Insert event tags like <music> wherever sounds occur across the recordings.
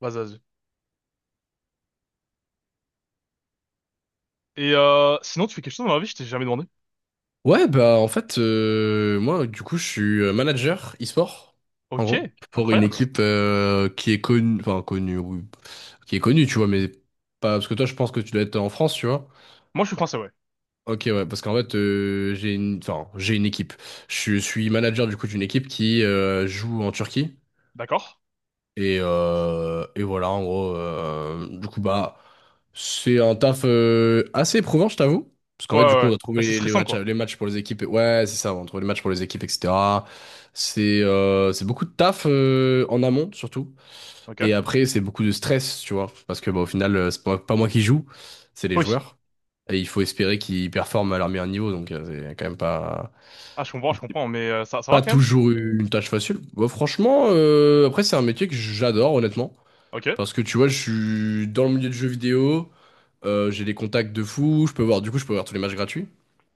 Vas-y, vas-y. Et sinon, tu fais quelque chose dans la vie, je t'ai jamais demandé. Ouais, bah en fait, moi du coup je suis manager e-sport, en Ok, gros, pour une incroyable. équipe qui est connue, enfin connue, oui, qui est connue, tu vois, mais pas parce que toi je pense que tu dois être en France, tu vois. Moi, je suis français, ouais. Ok, ouais, parce qu'en fait j'ai une, enfin j'ai une équipe. Je suis manager du coup d'une équipe qui joue en Turquie. D'accord. Et voilà, en gros, du coup, bah, c'est un taf assez éprouvant, je t'avoue. Parce qu'en Ouais, fait, du ouais, coup, on ouais. doit Bah, trouver c'est les, les stressant, matchs, quoi. les matchs pour les équipes. Ouais, c'est ça, on trouve les matchs pour les équipes, etc. C'est beaucoup de taf en amont, surtout. Ok. Et après, c'est beaucoup de stress, tu vois. Parce que, bah, au final, c'est pas moi qui joue, c'est les Oui. joueurs. Et il faut espérer qu'ils performent à leur meilleur niveau. Donc, c'est quand même pas, Ah, je comprends, mais ça, ça va pas quand même. toujours une tâche facile. Bah, franchement, après, c'est un métier que j'adore, honnêtement. Ok. Parce que tu vois, je suis dans le milieu du jeu vidéo, j'ai des contacts de fou, je peux voir, du coup, je peux voir tous les matchs gratuits.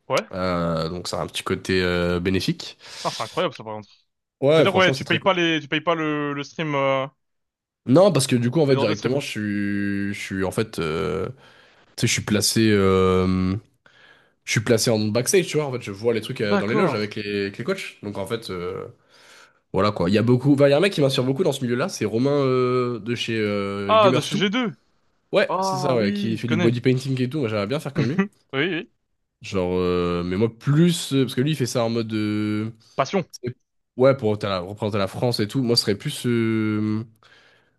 Ouais. Donc ça a un petit côté bénéfique. Putain, c'est incroyable, ça, par contre. Ouais, C'est-à-dire, ouais, franchement, c'est très cool. Tu payes pas le stream, Non, parce que du coup, en les fait, droits de directement, stream. je suis en fait, tu sais, je suis placé en backstage, tu vois. En fait, je vois les trucs dans les loges D'accord. avec les coachs. Donc, en fait, voilà quoi. Il y a beaucoup, enfin, il y a un mec qui m'inspire beaucoup dans ce milieu-là, c'est Romain de chez Ah, de chez Gamers2. G2. Ouais, c'est ça, Ah, ouais, oui, qui je fait du connais. body painting et tout. Moi, j'aimerais bien faire comme lui. <laughs> Oui, oui. Genre, mais moi, plus. Parce que lui, il fait ça en mode. Passion. c'est- ouais, pour représenter la France et tout. Moi, ce serait plus euh,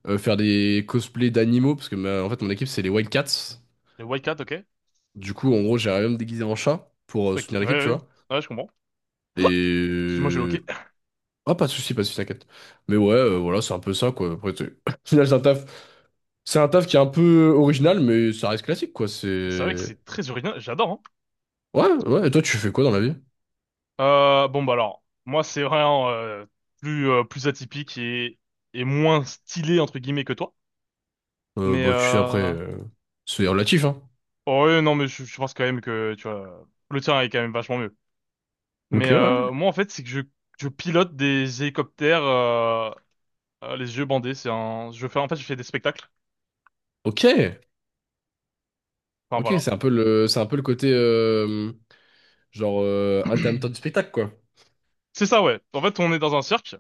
euh, faire des cosplays d'animaux. Parce que, en fait, mon équipe, c'est les Wildcats. Le Wildcat, ok. Du coup, en gros, j'irais même me déguiser en chat pour Ok, soutenir ouais, l'équipe, tu ouais. Ouais, vois. ouais, je comprends. Et. <gasps> Excuse-moi, j'ai euh, loqué. Ah, pas de soucis, pas de soucis, t'inquiète. Mais ouais, voilà, c'est un peu ça, quoi. Après, <laughs> au final, c'est un taf. C'est un taf qui est un peu original, mais ça reste classique, quoi. C'est vrai que C'est. c'est très original, j'adore, hein. Ouais, ouais. Et toi, tu fais quoi dans la vie? Bon bah alors, moi c'est vraiment plus plus atypique et moins stylé entre guillemets que toi. Mais Bah, tu fais après. euh... C'est relatif, hein. Oh, ouais, non mais je pense quand même que tu vois le tien est quand même vachement mieux. Mais Ok, ouais. Moi en fait c'est que je pilote des hélicoptères les yeux bandés. C'est un je fais en fait je fais des spectacles. Ok, Enfin ok, voilà. c'est un peu le côté genre intermittent du spectacle quoi. C'est ça, ouais. En fait on est dans un cirque,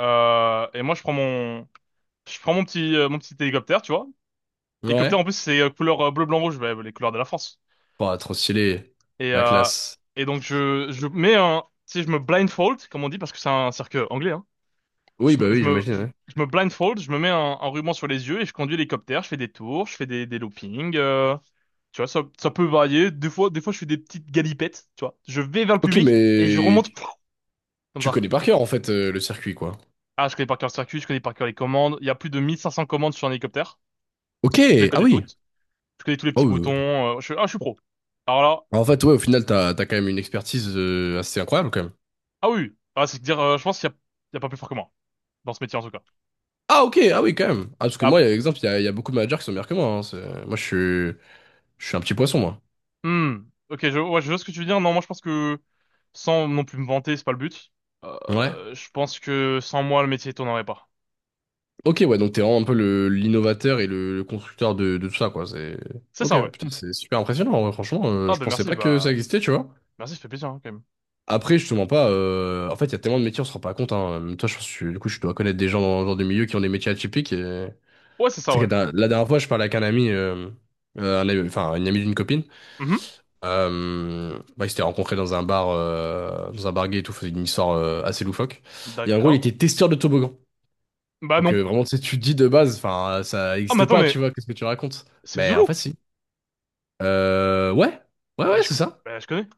et moi je prends mon petit hélicoptère, tu vois. Hélicoptère en Ouais. plus c'est couleur bleu blanc rouge, bah, les couleurs de la France. Pas trop stylé, Et, la euh, classe. et donc je mets un, tu sais, je me blindfold, comme on dit, parce que c'est un cirque anglais, hein. Oui, Je bah me, je oui, me, j'imagine. je, Ouais. je me blindfold, je me mets un ruban sur les yeux et je conduis l'hélicoptère, je fais des tours, je fais des loopings, tu vois, ça peut varier. Des fois, je fais des petites galipettes, tu vois. Je vais vers le Ok, public et je mais remonte, <laughs> pff, comme tu ça. connais par cœur en fait le circuit quoi. Ah, je connais par cœur le circuit, je connais par cœur les commandes. Il y a plus de 1500 commandes sur un hélicoptère. Je les Ok, ah connais oui. toutes. Je connais tous les petits Oh, oui, boutons. oui. Ah, je suis pro. Alors là, En fait, ouais, au final, t'as quand même une expertise assez incroyable quand même. ah oui. Ah, c'est dire, je pense qu'il y a pas plus fort que moi, dans ce métier en tout cas. Ah, ok, ah oui quand même. Ah, parce que Ah. moi, exemple, il y a beaucoup de managers qui sont meilleurs que moi, hein. Moi, je suis un petit poisson moi. Hmm. Ok, ouais, je vois ce que tu veux dire. Non, moi je pense que sans non plus me vanter, c'est pas le but. Ouais. Je pense que sans moi, le métier tournerait pas. Ok, ouais, donc t'es vraiment un peu le l'innovateur et le constructeur de tout ça, quoi. C'est... C'est Ok, ça, ouais. putain, c'est super impressionnant, en vrai, franchement. Ah Je bah pensais merci, pas que bah ça existait, tu vois. merci, ça fait plaisir, hein, quand même. Après, je te mens pas, en fait, il y a tellement de métiers, on se rend pas compte, hein. Même toi, je pense que, du coup, je dois connaître des gens dans des milieux qui ont des métiers atypiques. Et... Ouais, c'est ça, Tu sais ouais. que la dernière fois, je parlais avec un ami, enfin, une amie d'une copine. Mhm. Bah, ils s'étaient rencontrés dans un bar gay et tout, faisait une histoire assez loufoque. Et en gros, il D'accord. était testeur de toboggan. Bah Donc non. Vraiment, tu sais, tu te dis de base, enfin, ça Ah mais n'existe attends, pas, tu mais vois, qu'est-ce que tu racontes? c'est Mais en Zulu. fait, si. Ouais, ouais, Bah ouais, je, c'est co- ça. bah, je connais.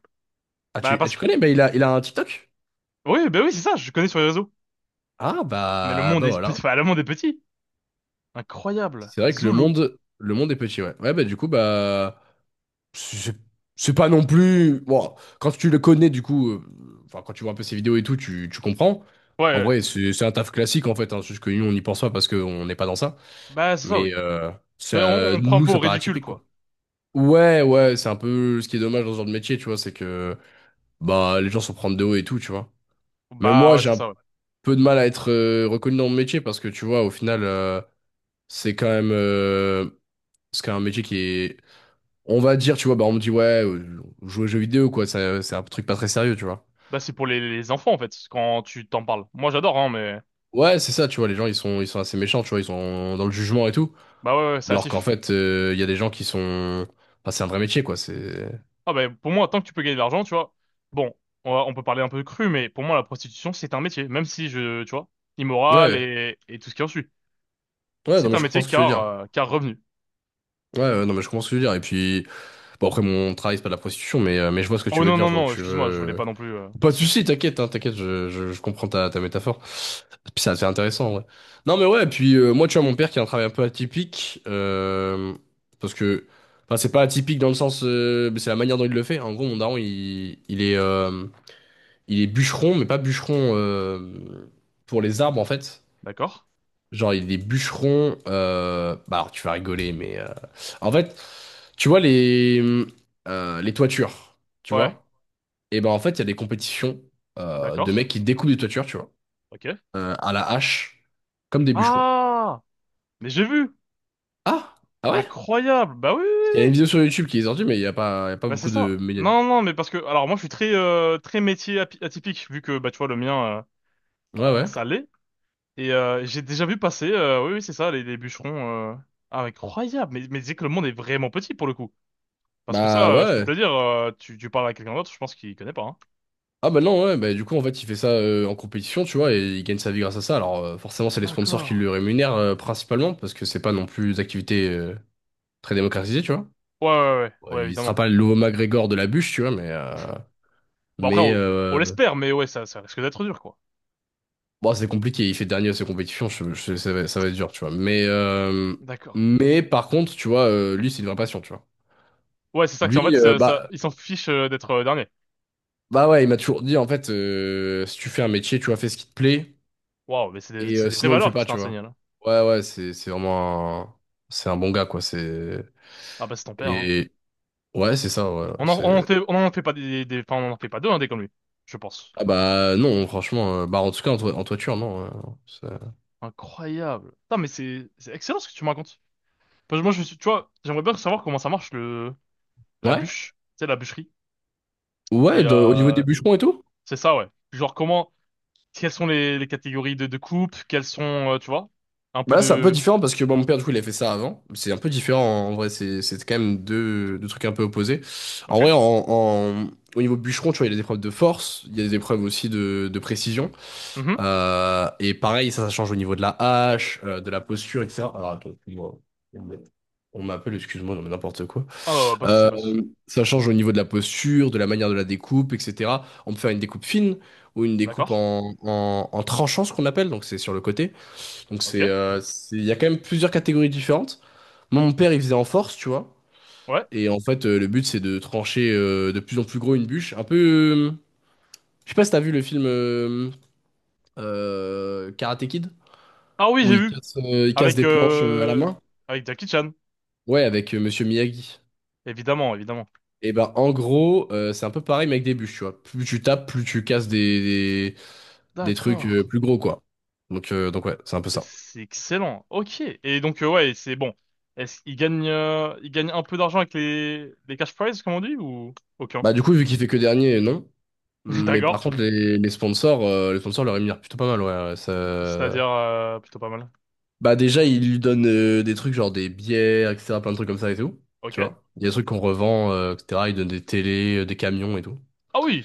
Ah, Bah tu, ah, parce tu que connais, bah, il a un TikTok? Oui, bah oui, c'est ça. Je connais sur les réseaux. Ah, Mais le bah, monde bah est petit. voilà. Enfin, le monde est petit. Incroyable. C'est vrai que le Zulu. monde, le monde est petit, ouais. Ouais, bah du coup, bah, c'est c'est pas non plus... Bon, quand tu le connais, du coup, enfin, quand tu vois un peu ses vidéos et tout, tu comprends. Ouais, ouais, En ouais. vrai, c'est un taf classique, en fait, hein, c'est juste que nous, on n'y pense pas parce qu'on n'est pas dans ça. Bah c'est ça, Mais oui. On, ça, on prend nous, pas au ça paraît ridicule, atypique, quoi. quoi. Ouais, ouais, c'est un peu ce qui est dommage dans ce genre de métier, tu vois, c'est que bah les gens s'en prennent de haut et tout, tu vois. Mais Bah moi, ouais, j'ai c'est un ça, ouais. peu de mal à être reconnu dans mon métier parce que tu vois, au final, c'est quand même euh, c'est quand même un métier qui est, on va dire, tu vois, bah on me dit ouais, jouer aux jeux vidéo quoi, c'est un truc pas très sérieux, tu vois. Bah, c'est pour les enfants, en fait, quand tu t'en parles. Moi, j'adore, hein, mais... Ouais, c'est ça, tu vois, les gens ils sont assez méchants, tu vois, ils sont dans le jugement et tout, Bah ouais, ouais, c'est alors qu'en hâtif. fait, il y a des gens qui sont, enfin, c'est un vrai métier quoi, c'est Ah bah, pour moi, tant que tu peux gagner de l'argent, tu vois... Bon, on peut parler un peu cru, mais pour moi, la prostitution, c'est un métier. Même si, tu vois, immoral ouais, et tout ce qui en suit. ouais, non C'est mais un je comprends métier ce que tu veux car, dire. car revenu. Ouais, ouais, non mais je comprends ce que tu veux dire et puis. Bon, après, mon travail, c'est pas de la prostitution, mais je vois ce que Oh tu veux non, dire, non, je vois où non, tu excuse-moi, je voulais veux. pas non plus... Pas de soucis, t'inquiète, hein, t'inquiète, je comprends ta métaphore. Puis ça, c'est intéressant, ouais. Non, mais ouais, puis moi, tu vois, mon père qui a un travail un peu atypique, parce que, enfin, c'est pas atypique dans le sens, mais c'est la manière dont il le fait. En gros, mon daron, il est bûcheron, mais pas bûcheron pour les arbres, en fait. D'accord? Genre, il est bûcheron, bah, alors, tu vas rigoler, mais en fait, tu vois les toitures, tu Ouais, vois? Et ben en fait, il y a des compétitions de mecs d'accord. qui découpent des toitures, tu vois, Ok. À la hache, comme des bûcherons. Ah! Mais j'ai vu! Ah! Ah, ouais? Parce Incroyable! Bah oui, oui, qu'il y oui! a une Oui. vidéo sur YouTube qui est sortie, mais il y a pas Bah c'est beaucoup de ça. médias. Non, non, mais parce que... Alors, moi, je suis très métier atypique, vu que, bah, tu vois, le mien... Ouais, ouais. Ça l'est. Et j'ai déjà vu passer, oui, oui, c'est ça, les bûcherons. Ah, incroyable! Mais, c'est que le monde est vraiment petit pour le coup. Parce que ça, Bah, je peux ouais. te le dire, tu parles à quelqu'un d'autre, je pense qu'il connaît pas, hein. Ah, bah non, ouais. Bah, du coup, en fait, il fait ça en compétition, tu vois, et il gagne sa vie grâce à ça. Alors forcément, c'est les sponsors qui D'accord. le rémunèrent principalement, parce que c'est pas non plus des activités très démocratisées, tu vois. Ouais, ouais, ouais, Ouais, ouais, il évidemment. sera pas le nouveau McGregor de la bûche, tu vois, mais... Bon, après, Mais on l'espère, mais ouais, ça risque d'être dur, quoi. bon, c'est compliqué. Il fait dernier à ses compétitions. Ça va être dur, tu vois. Mais, euh, D'accord. mais par contre, tu vois, lui, c'est une vraie passion, tu vois. Ouais, c'est ça, que c'est en fait, Lui, bah, ils s'en fichent d'être dernier. bah ouais, il m'a toujours dit, en fait, si tu fais un métier, tu vois, fais ce qui te plaît. Waouh, mais c'est des, Et c'est des vraies sinon, le fais valeurs pas, qui t'ont tu vois. enseigné, là. Ouais, ouais, c'est vraiment un... C'est un bon gars, quoi. C'est... Ah, bah, c'est ton père, hein. Et ouais, c'est ça, ouais. On en, on en C'est... fait, on en fait pas des, enfin, on en fait pas deux, hein, des comme lui. Je pense. Ah, bah non, franchement, bah en tout cas, en toiture, non. C'est- Incroyable. Putain, mais c'est excellent ce que tu me racontes. Parce que moi, je suis, tu vois, j'aimerais bien savoir comment ça marche le, la ouais? bûche, tu sais, la bûcherie. Et Ouais, au niveau des bûcherons et tout? c'est ça, ouais. Genre, comment, quelles sont les catégories de coupes, quelles sont, tu vois, un peu Bah là, c'est un peu de. différent parce que bon, mon père, du coup, il a fait ça avant. C'est un peu différent en vrai. C'est quand même deux trucs un peu opposés. Ok. En vrai, au niveau bûcheron, tu vois, il y a des épreuves de force, il y a des épreuves aussi de précision. Mhm. Et pareil, ça change au niveau de la hache, de la posture, etc. Alors, attends, excuse-moi. On m'appelle, excuse-moi, non mais n'importe quoi. Ah, non, pas de souci, Euh, pas de souci. Ça change au niveau de la posture, de la manière de la découpe, etc. On peut faire une découpe fine ou une découpe D'accord. en tranchant, ce qu'on appelle, donc c'est sur le côté. Ok. Il y a quand même plusieurs catégories différentes. Moi, mon père, il faisait en force, tu vois. Ouais. Et en fait, le but, c'est de trancher de plus en plus gros une bûche. Un peu, je sais pas si t'as vu le film Karate Kid, Ah oui, où j'ai il vu. casse, euh, il casse Avec, des planches à la euh, main. avec Jackie Chan. Ouais, avec Monsieur Miyagi. Évidemment, évidemment. Et ben, en gros, c'est un peu pareil, mais avec des bûches, tu vois. Plus tu tapes, plus tu casses des trucs D'accord. Plus gros, quoi. Donc ouais, c'est un peu ça. C'est excellent. Ok. Et donc, ouais, c'est bon. Est-ce qu'il gagne un peu d'argent avec les cash prizes, comme on dit, ou aucun? Bah du coup, vu qu'il fait que dernier, non. <laughs> Mais D'accord. par contre, les sponsors le rémunèrent plutôt pas mal, ouais. Ouais. C'est-à-dire plutôt pas mal. Bah, déjà, ils lui donnent des trucs genre des bières, etc., plein de trucs comme ça et tout, Ok. tu vois. Il y a des trucs qu'on revend, etc. Ils donnent des télés, des camions et tout. Ah oui!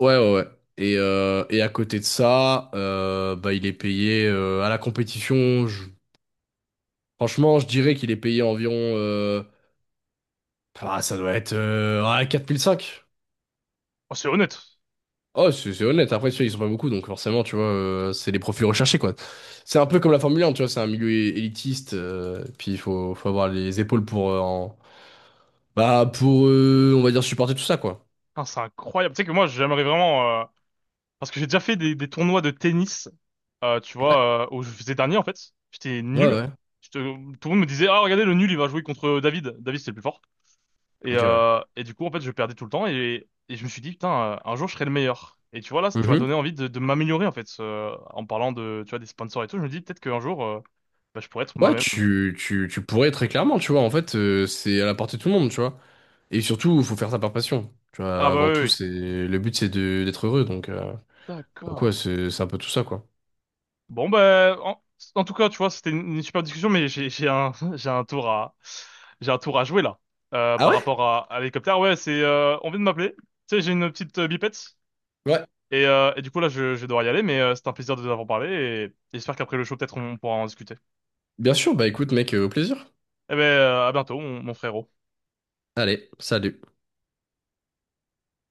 Ouais, ouais, ouais. Et à côté de ça, bah, il est payé à la compétition. Franchement, je dirais qu'il est payé environ... Ah, ça doit être ouais, 4005. Oh, c'est honnête. Oh, c'est honnête. Après, tu vois, ils sont pas beaucoup, donc forcément, tu vois, c'est les profils recherchés, quoi. C'est un peu comme la Formule 1, tu vois, c'est un milieu élitiste, puis il faut avoir les épaules pour, bah, pour, on va dire, supporter tout ça, quoi. Putain, c'est incroyable. Tu sais que moi, j'aimerais vraiment... Parce que j'ai déjà fait des tournois de tennis, tu Ouais, vois, où je faisais dernier, en fait. J'étais ouais, nul. ouais. Tout le monde me disait, ah, regardez, le nul, il va jouer contre David. David, c'est le plus fort. Et, Ok, ouais. euh, et du coup, en fait, je perdais tout le temps. Et je me suis dit, putain, un jour, je serai le meilleur. Et tu vois, là, tu m'as Mhm. donné envie de m'améliorer, en fait. En parlant de, tu vois, des sponsors et tout, je me dis, peut-être qu'un jour, bah, je pourrais être Ouais, moi-même. tu pourrais très clairement, tu vois, en fait, c'est à la portée de tout le monde, tu vois. Et surtout, il faut faire ça par passion. Tu Ah vois, bah avant oui, tout, oui. c'est le but, c'est de d'être heureux, donc ouais, D'accord. c'est un peu tout ça, quoi. Bon, bah, en tout cas, tu vois, c'était une super discussion, mais j'ai un, <laughs> j'ai un tour à jouer là, Ah, par ouais? rapport à l'hélicoptère. Ouais, on vient de m'appeler. Tu sais, j'ai une petite bipette. Ouais. Et du coup, là, je vais devoir y aller, mais c'est un plaisir de vous avoir parlé et j'espère qu'après le show, peut-être, on pourra en discuter. Bien sûr, bah écoute, mec, au plaisir. Eh ben, à bientôt, mon frérot. Allez, salut.